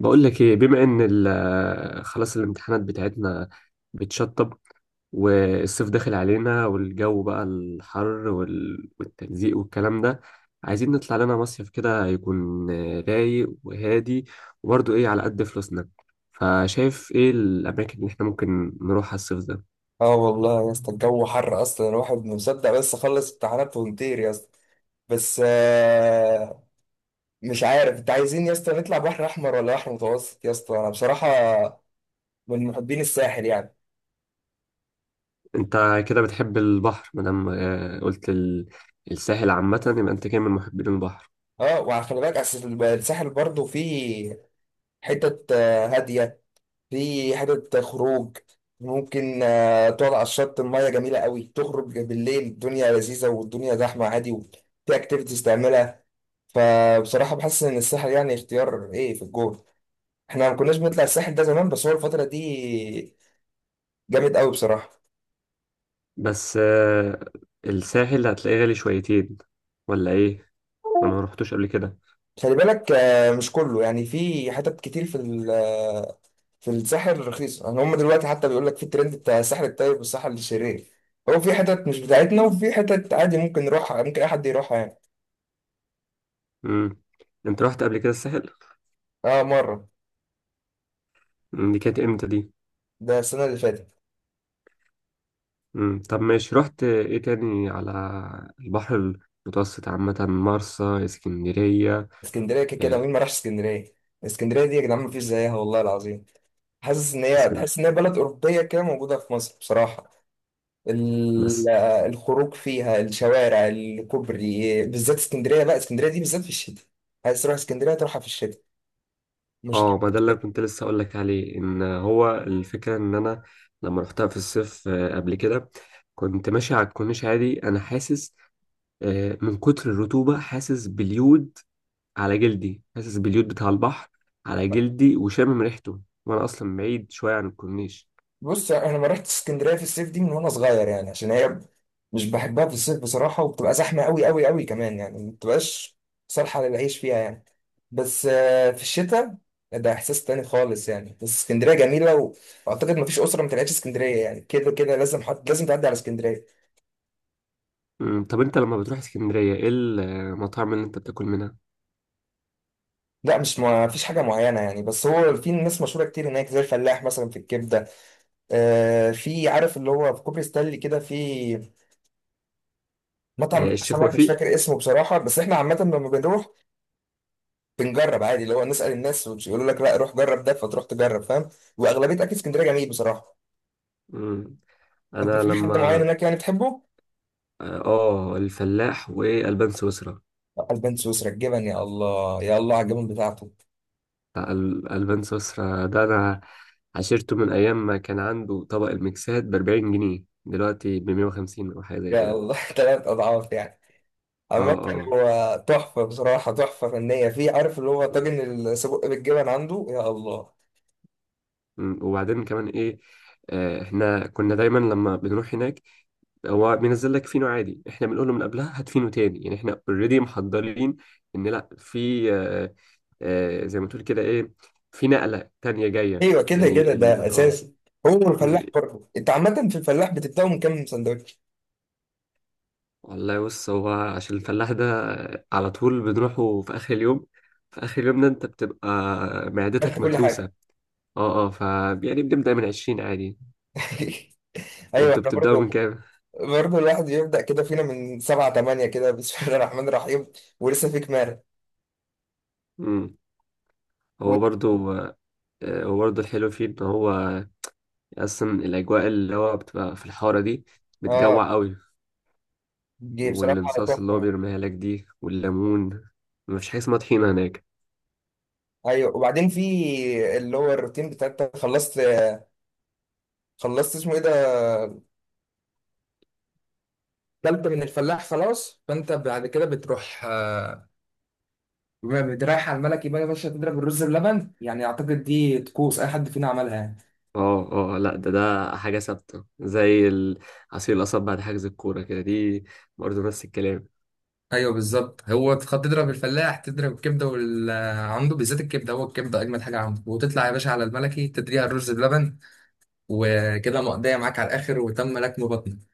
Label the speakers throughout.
Speaker 1: بقول لك ايه، بما ان خلاص الامتحانات بتاعتنا بتشطب، والصيف داخل علينا والجو بقى الحر والتلزيق والكلام ده. عايزين نطلع لنا مصيف كده يكون رايق وهادي، وبرضه ايه على قد فلوسنا. فشايف ايه الاماكن اللي احنا ممكن نروحها الصيف ده؟
Speaker 2: اه والله يا اسطى الجو حر اصلا الواحد مصدق بس خلص امتحانات ونطير يا اسطى. بس مش عارف انت عايزين يا اسطى نطلع بحر احمر ولا بحر متوسط يا اسطى؟ انا بصراحه من محبين الساحل يعني.
Speaker 1: انت كده بتحب البحر، مادام قلت الساحل عامة، يبقى انت كده من محبين البحر.
Speaker 2: اه وعلى خلي بالك أصل الساحل برضه فيه حتت هاديه، فيه حتت خروج ممكن تقعد على الشط، الميه جميله قوي، تخرج بالليل الدنيا لذيذه والدنيا زحمه عادي وفي اكتيفيتيز تعملها. فبصراحه بحس ان الساحل يعني اختيار ايه في الجول. احنا ما كناش بنطلع الساحل ده زمان، بس هو الفترة دي جامد قوي بصراحة.
Speaker 1: بس الساحل هتلاقيه غالي شويتين ولا ايه؟ انا ما رحتش قبل كده.
Speaker 2: خلي بالك مش كله يعني، في حتت كتير في في الساحل رخيصة، يعني هم دلوقتي حتى بيقول لك في الترند بتاع الساحل الطيب والساحل الشرير. هو في حتت مش بتاعتنا وفي حتت عادي ممكن نروحها، ممكن اي حد يروحها يعني.
Speaker 1: امم، انت رحت قبل كده الساحل؟
Speaker 2: اه مرة.
Speaker 1: مم، دي كانت امتى دي؟
Speaker 2: ده السنة اللي فاتت.
Speaker 1: امم، طب ماشي، رحت ايه تاني؟ على البحر المتوسط عامة، مرسى، اسكندرية.
Speaker 2: اسكندرية كده كده
Speaker 1: إيه؟
Speaker 2: مين ما راحش اسكندرية؟ اسكندرية دي يا جدعان مفيش زيها والله العظيم. حاسس ان هي
Speaker 1: اسكن
Speaker 2: تحس ان هي بلد أوروبية كده موجودة في مصر بصراحة. ال-
Speaker 1: بس.
Speaker 2: الخروج فيها، الشوارع، الكوبري، بالذات اسكندريه، بقى اسكندريه دي بالذات في الشتاء. عايز تروح اسكندريه تروحها في الشتاء. مشكله
Speaker 1: اه، ما
Speaker 2: في
Speaker 1: ده اللي
Speaker 2: الشتاء.
Speaker 1: كنت لسه اقول لك عليه، ان هو الفكرة ان انا لما رحتها في الصيف قبل كده، كنت ماشي على الكورنيش عادي، انا حاسس من كتر الرطوبة حاسس باليود على جلدي، حاسس باليود بتاع البحر على جلدي وشامم ريحته، وانا اصلا بعيد شويه عن الكورنيش.
Speaker 2: بص انا ما رحت اسكندريه في الصيف دي من وانا صغير، يعني عشان هي مش بحبها في الصيف بصراحه، وبتبقى زحمه قوي قوي قوي كمان، يعني ما بتبقاش صالحه للعيش فيها يعني. بس في الشتاء ده احساس تاني خالص يعني. بس اسكندريه جميله واعتقد ما فيش اسره ما طلعتش اسكندريه، يعني كده كده لازم حد، لازم تعدي على اسكندريه.
Speaker 1: أمم، طب انت لما بتروح اسكندريه ايه المطاعم اللي انت بتاكل منها؟
Speaker 2: لا مش ما فيش حاجة معينة يعني، بس هو في ناس مشهورة كتير هناك زي الفلاح مثلا في الكبدة. آه في عارف اللي هو في كوبري ستانلي كده في مطعم بتاع
Speaker 1: الشيخ
Speaker 2: سمك مش
Speaker 1: وفيق.
Speaker 2: فاكر اسمه بصراحة، بس احنا عامة لما بنروح بنجرب عادي، اللي هو نسأل الناس ويقولوا لك لا روح جرب ده، فتروح تجرب فاهم. وأغلبية أكل اسكندرية جميل بصراحة.
Speaker 1: أمم،
Speaker 2: أنت
Speaker 1: انا
Speaker 2: في حد معين
Speaker 1: لما
Speaker 2: هناك يعني بتحبه؟
Speaker 1: اه، الفلاح والبان سويسرا.
Speaker 2: البان سويسرا الجبن، يا الله يا الله على الجبن بتاعته.
Speaker 1: بتاع البان سويسرا ده انا عشرته من ايام ما كان عنده طبق المكسات ب 40 جنيه، دلوقتي ب 150 او حاجه زي
Speaker 2: يا
Speaker 1: كده.
Speaker 2: الله 3 أضعاف يعني. عامة
Speaker 1: اه
Speaker 2: هو تحفة بصراحة، تحفة فنية، في عارف اللي هو
Speaker 1: اه.
Speaker 2: طاجن السجق بالجبن عنده، يا الله.
Speaker 1: وبعدين كمان ايه؟ احنا كنا دايما لما بنروح هناك هو بينزل لك فينو عادي، احنا بنقول له من قبلها هات فينو تاني، يعني احنا اوريدي محضرين ان لا في آه، آه، زي ما تقول كده، ايه، في نقلة تانية جاية
Speaker 2: أيوة كده كده
Speaker 1: يعني
Speaker 2: ده
Speaker 1: ال... اه
Speaker 2: أساسي. هو
Speaker 1: مم.
Speaker 2: الفلاح برضه، أنت عامة في الفلاح بتبدأه من كام سندوتش؟
Speaker 1: والله بص، هو عشان الفلاح ده على طول بنروحه في اخر اليوم، في اخر اليوم ده انت بتبقى
Speaker 2: أكلت
Speaker 1: معدتك
Speaker 2: كل
Speaker 1: متروسة.
Speaker 2: حاجة.
Speaker 1: اه اه، ف يعني بنبدأ من 20 عادي.
Speaker 2: أيوة
Speaker 1: انتوا
Speaker 2: إحنا
Speaker 1: بتبدأوا من
Speaker 2: برضه
Speaker 1: كام؟
Speaker 2: الواحد بيبدأ كده فينا من سبعة تمانية كده بسم الله الرحمن الرحيم. ولسه فيك مال.
Speaker 1: مم.
Speaker 2: و-
Speaker 1: هو برضو وبرضه الحلو فيه إن هو أصلا الأجواء اللي هو بتبقى في الحارة دي
Speaker 2: آه
Speaker 1: بتجوع قوي،
Speaker 2: دي بصراحة
Speaker 1: والانصاص اللي هو
Speaker 2: تحفة.
Speaker 1: بيرميها لك دي والليمون، مفيش حاجة اسمها طحينة هناك.
Speaker 2: أيوة وبعدين في اللي هو الروتين بتاع أنت خلصت. خلصت اسمه إيه ده؟ كلت من الفلاح خلاص فأنت بعد كده بتروح جامد. رايح على الملك، يبقى يا باشا تضرب الرز بلبن، يعني اعتقد دي طقوس اي حد فينا عملها يعني.
Speaker 1: اه اه، لا ده ده حاجة ثابتة زي عصير القصب بعد حجز الكورة كده، دي برضه نفس الكلام.
Speaker 2: ايوه بالظبط، هو تضرب الفلاح تضرب الكبده وال... عنده بالذات الكبده، هو الكبده اجمد حاجه عنده، وتطلع يا باشا على الملكي تدريها الرز بلبن وكده مقضيه معاك على الاخر وتم لكم بطنك.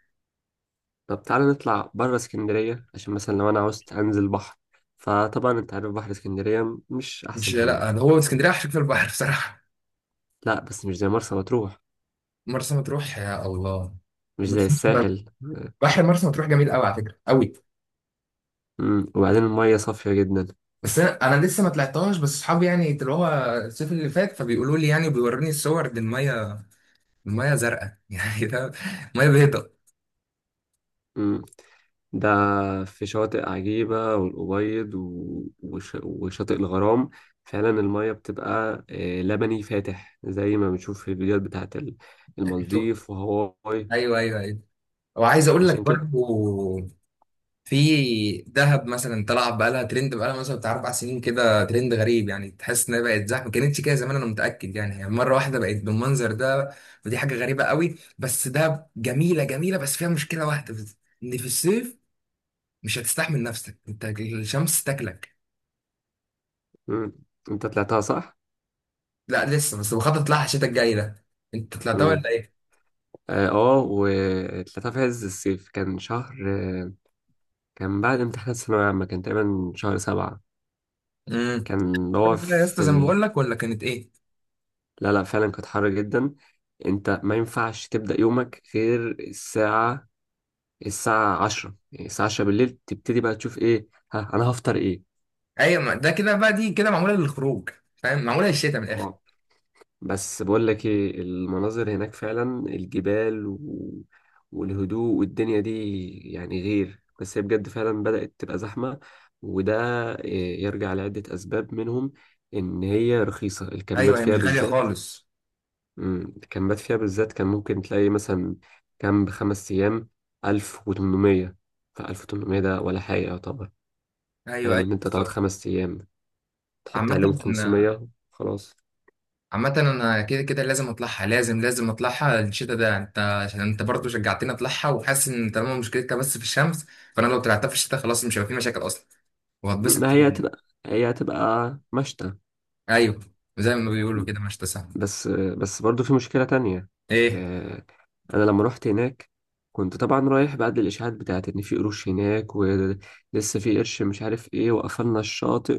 Speaker 1: طب تعالى نطلع بره اسكندرية، عشان مثلا لو أنا عاوزت أنزل بحر، فطبعا أنت عارف بحر اسكندرية مش
Speaker 2: مش،
Speaker 1: أحسن حاجة.
Speaker 2: لا ده هو اسكندريه عشان في البحر بصراحه.
Speaker 1: لا بس مش زي مرسى مطروح،
Speaker 2: مرسى مطروح، يا الله.
Speaker 1: مش زي
Speaker 2: بس
Speaker 1: الساحل.
Speaker 2: بحر مرسى مطروح جميل قوي على فكره قوي.
Speaker 1: وبعدين المية صافية جدا.
Speaker 2: بس انا، لسه ما طلعتهاش، بس اصحابي يعني اللي هو الصيف اللي فات فبيقولوا لي يعني، بيوروني الصور دي، الميه، المية زرقاء يعني ده مية بيضاء.
Speaker 1: مم. ده في شواطئ عجيبة، والأبيض وشاطئ الغرام، فعلا المية بتبقى لبني فاتح زي ما بنشوف في الفيديوهات بتاعت
Speaker 2: شوف.
Speaker 1: المالديف وهاواي.
Speaker 2: ايوه ايوه ايوه. وعايز اقول لك
Speaker 1: عشان كده.
Speaker 2: برضو في دهب مثلا طلع بقالها ترند، بقالها مثلا بتاع 4 سنين كده، ترند غريب يعني، تحس انها بقت زحمه ما كانتش كده زمان، انا متاكد، يعني هي مره واحده بقت بالمنظر ده، ودي حاجه غريبه قوي. بس دهب جميله جميله، بس فيها مشكله واحده بس، ان في الصيف مش هتستحمل نفسك انت، الشمس تاكلك.
Speaker 1: مم. انت طلعتها صح؟
Speaker 2: لا لسه، بس بخطط لها الشتاء الجاي ده. انت طلعتها
Speaker 1: مم.
Speaker 2: ولا ايه؟
Speaker 1: اه وطلعتها في عز الصيف، كان شهر كان بعد امتحانات الثانوية العامة، كان تقريبا شهر 7.
Speaker 2: امم.
Speaker 1: كان هو
Speaker 2: يا اسطى زي ما بقول لك ولا كانت ايه؟
Speaker 1: لا لا، فعلا كانت حر جدا. انت ما ينفعش تبدأ يومك غير الساعة، الساعة عشرة، يعني الساعة عشرة بالليل تبتدي بقى تشوف ايه، ها أنا هفطر ايه.
Speaker 2: ايوه ما ده كده بقى، دي كده معموله للخروج، فاهم، معموله للشتاء من الاخر.
Speaker 1: اه. بس بقول لك ايه، المناظر هناك فعلا الجبال والهدوء والدنيا دي، يعني غير. بس هي بجد فعلا بدأت تبقى زحمة، وده إيه، يرجع لعدة أسباب، منهم إن هي رخيصة، الكامبات
Speaker 2: ايوه هي
Speaker 1: فيها
Speaker 2: مش غاليه
Speaker 1: بالذات.
Speaker 2: خالص.
Speaker 1: مم، الكامبات فيها بالذات كان ممكن تلاقي مثلا كامب 5 أيام 1800، فألف وتمنمية ده ولا حاجة يعتبر،
Speaker 2: ايوه
Speaker 1: فاهم؟
Speaker 2: ايوه
Speaker 1: إن أنت تقعد
Speaker 2: بالظبط.
Speaker 1: 5 أيام تحط
Speaker 2: عامة
Speaker 1: عليهم
Speaker 2: أنا-
Speaker 1: 500، خلاص.
Speaker 2: عامة انا كده كده لازم اطلعها، لازم لازم اطلعها الشتاء ده، انت عشان انت برضه شجعتني اطلعها، وحاسس ان طالما مشكلتها بس في الشمس فانا لو طلعتها في الشتاء خلاص مش هيبقى في مشاكل اصلا، وهتبسط
Speaker 1: ما هي
Speaker 2: كتير.
Speaker 1: هتبقى، هي هتبقى مشتى.
Speaker 2: ايوه زي ما بيقولوا كده مش تسامح.
Speaker 1: بس بس برضو في مشكلة تانية.
Speaker 2: ايه؟
Speaker 1: آه، أنا لما رحت هناك كنت طبعا رايح بعد الإشاعات بتاعت إن في قروش هناك، ولسه في قرش مش عارف إيه، وقفلنا الشاطئ،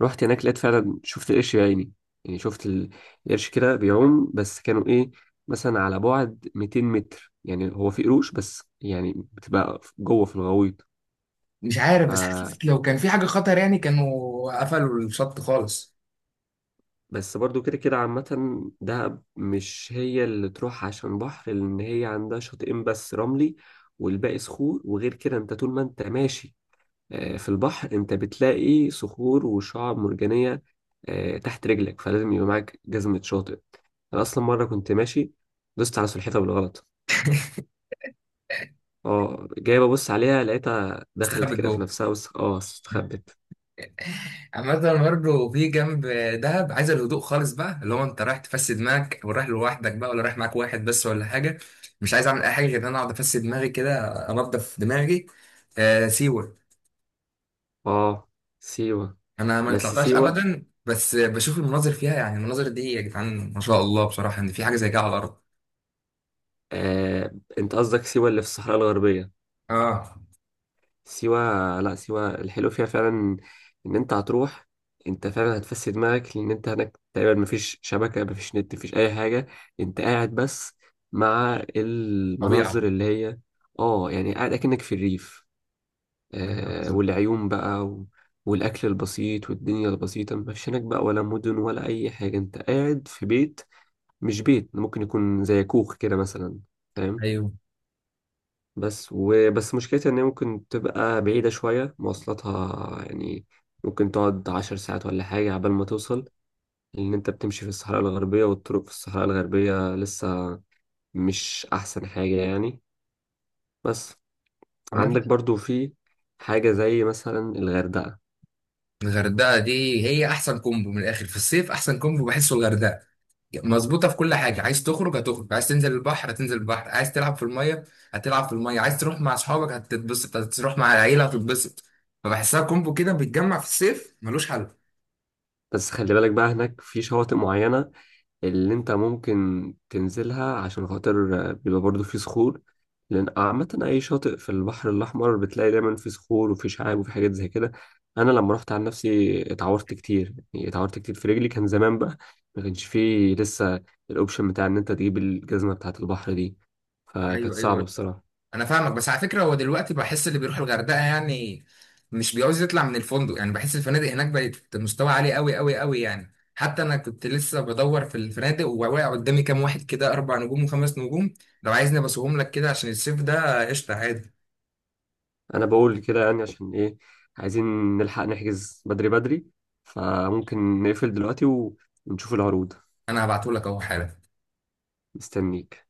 Speaker 1: ورحت هناك لقيت فعلا، شفت القرش بعيني، يعني شفت القرش كده بيعوم، بس كانوا إيه، مثلا على بعد 200 متر، يعني هو في قروش بس يعني بتبقى جوه في الغويط
Speaker 2: مش
Speaker 1: ف
Speaker 2: عارف، بس حاسس لو كان في حاجه خطر يعني كانوا قفلوا الشط خالص.
Speaker 1: بس برضو كده كده عامة دهب مش هي اللي تروح عشان بحر، لأن هي عندها شاطئين بس رملي والباقي صخور، وغير كده أنت طول ما أنت ماشي في البحر أنت بتلاقي صخور وشعاب مرجانية تحت رجلك، فلازم يبقى معاك جزمة شاطئ. أنا أصلا مرة كنت ماشي، دوست على سلحفاة بالغلط، اه جاي ببص عليها لقيتها دخلت
Speaker 2: استخبت
Speaker 1: كده في
Speaker 2: جوه.
Speaker 1: نفسها، بس اه استخبت.
Speaker 2: عامة برضه في جنب، دهب عايز الهدوء خالص بقى، اللي هو انت رايح تفسد دماغك او رايح لوحدك بقى ولا رايح معاك واحد بس ولا حاجة، مش عايز اعمل اي حاجة غير ان انا اقعد افسد دماغي كده، انضف دماغي. آه سيوة.
Speaker 1: اه سيوة.
Speaker 2: انا ما
Speaker 1: بس
Speaker 2: طلعتهاش اه
Speaker 1: سيوة،
Speaker 2: ابدا، بس بشوف المناظر فيها، يعني المناظر دي يا جدعان ما شاء الله بصراحة، ان في حاجة زي كده على الارض.
Speaker 1: أنت قصدك سيوة اللي في الصحراء الغربية.
Speaker 2: اه
Speaker 1: سيوة، لا سيوة الحلو فيها فعلا ان انت هتروح، انت فعلا هتفسد دماغك، لان انت هناك تقريبا مفيش شبكة، مفيش نت، مفيش اي حاجة، انت قاعد بس مع
Speaker 2: طبيعة.
Speaker 1: المناظر اللي هي، اه، يعني قاعد اكنك في الريف. والعيون بقى, والاكل البسيط والدنيا البسيطة، مفيش هناك بقى ولا مدن ولا اي حاجة، انت قاعد في بيت، مش بيت، ممكن يكون زي كوخ كده مثلا، فاهم؟
Speaker 2: ايوه
Speaker 1: بس مشكلتها ان هي ممكن تبقى بعيدة شوية، مواصلاتها يعني ممكن تقعد 10 ساعات ولا حاجة عبال ما توصل، لأن أنت بتمشي في الصحراء الغربية، والطرق في الصحراء الغربية لسه مش أحسن حاجة يعني. بس
Speaker 2: عامة
Speaker 1: عندك برضو في حاجة زي مثلا الغردقة.
Speaker 2: الغردقة دي هي احسن كومبو من الاخر في الصيف، احسن كومبو بحسه الغردقة، مظبوطه في كل حاجه، عايز تخرج هتخرج، عايز تنزل البحر هتنزل البحر، عايز تلعب في الميه هتلعب في الميه، عايز تروح مع اصحابك هتتبسط، هتروح مع العيله هتتبسط، فبحسها كومبو كده بيتجمع في الصيف ملوش حل.
Speaker 1: بس خلي بالك بقى، هناك في شواطئ معينة اللي انت ممكن تنزلها، عشان خاطر بيبقى برضو في صخور، لان عامة اي شاطئ في البحر الاحمر بتلاقي دايما في صخور وفي شعاب وفي حاجات زي كده. انا لما رحت عن نفسي اتعورت كتير، يعني اتعورت كتير في رجلي، كان زمان بقى، ما كانش فيه لسه الاوبشن بتاع ان انت تجيب الجزمة بتاعة البحر دي، فكانت
Speaker 2: ايوه
Speaker 1: صعبة
Speaker 2: ايوه.
Speaker 1: بصراحة.
Speaker 2: انا فاهمك، بس على فكره هو دلوقتي بحس اللي بيروح الغردقه يعني مش بيعوز يطلع من الفندق، يعني بحس الفنادق هناك بقت مستوى عالي قوي قوي قوي يعني، حتى انا كنت لسه بدور في الفنادق وواقع قدامي كام واحد كده، 4 نجوم وخمس نجوم. لو عايزني ابصهم لك كده عشان الصيف ده قشطه عادي.
Speaker 1: انا بقول كده يعني عشان ايه، عايزين نلحق نحجز بدري، فممكن نقفل دلوقتي ونشوف العروض.
Speaker 2: انا هبعته لك اهو حالا.
Speaker 1: مستنيك.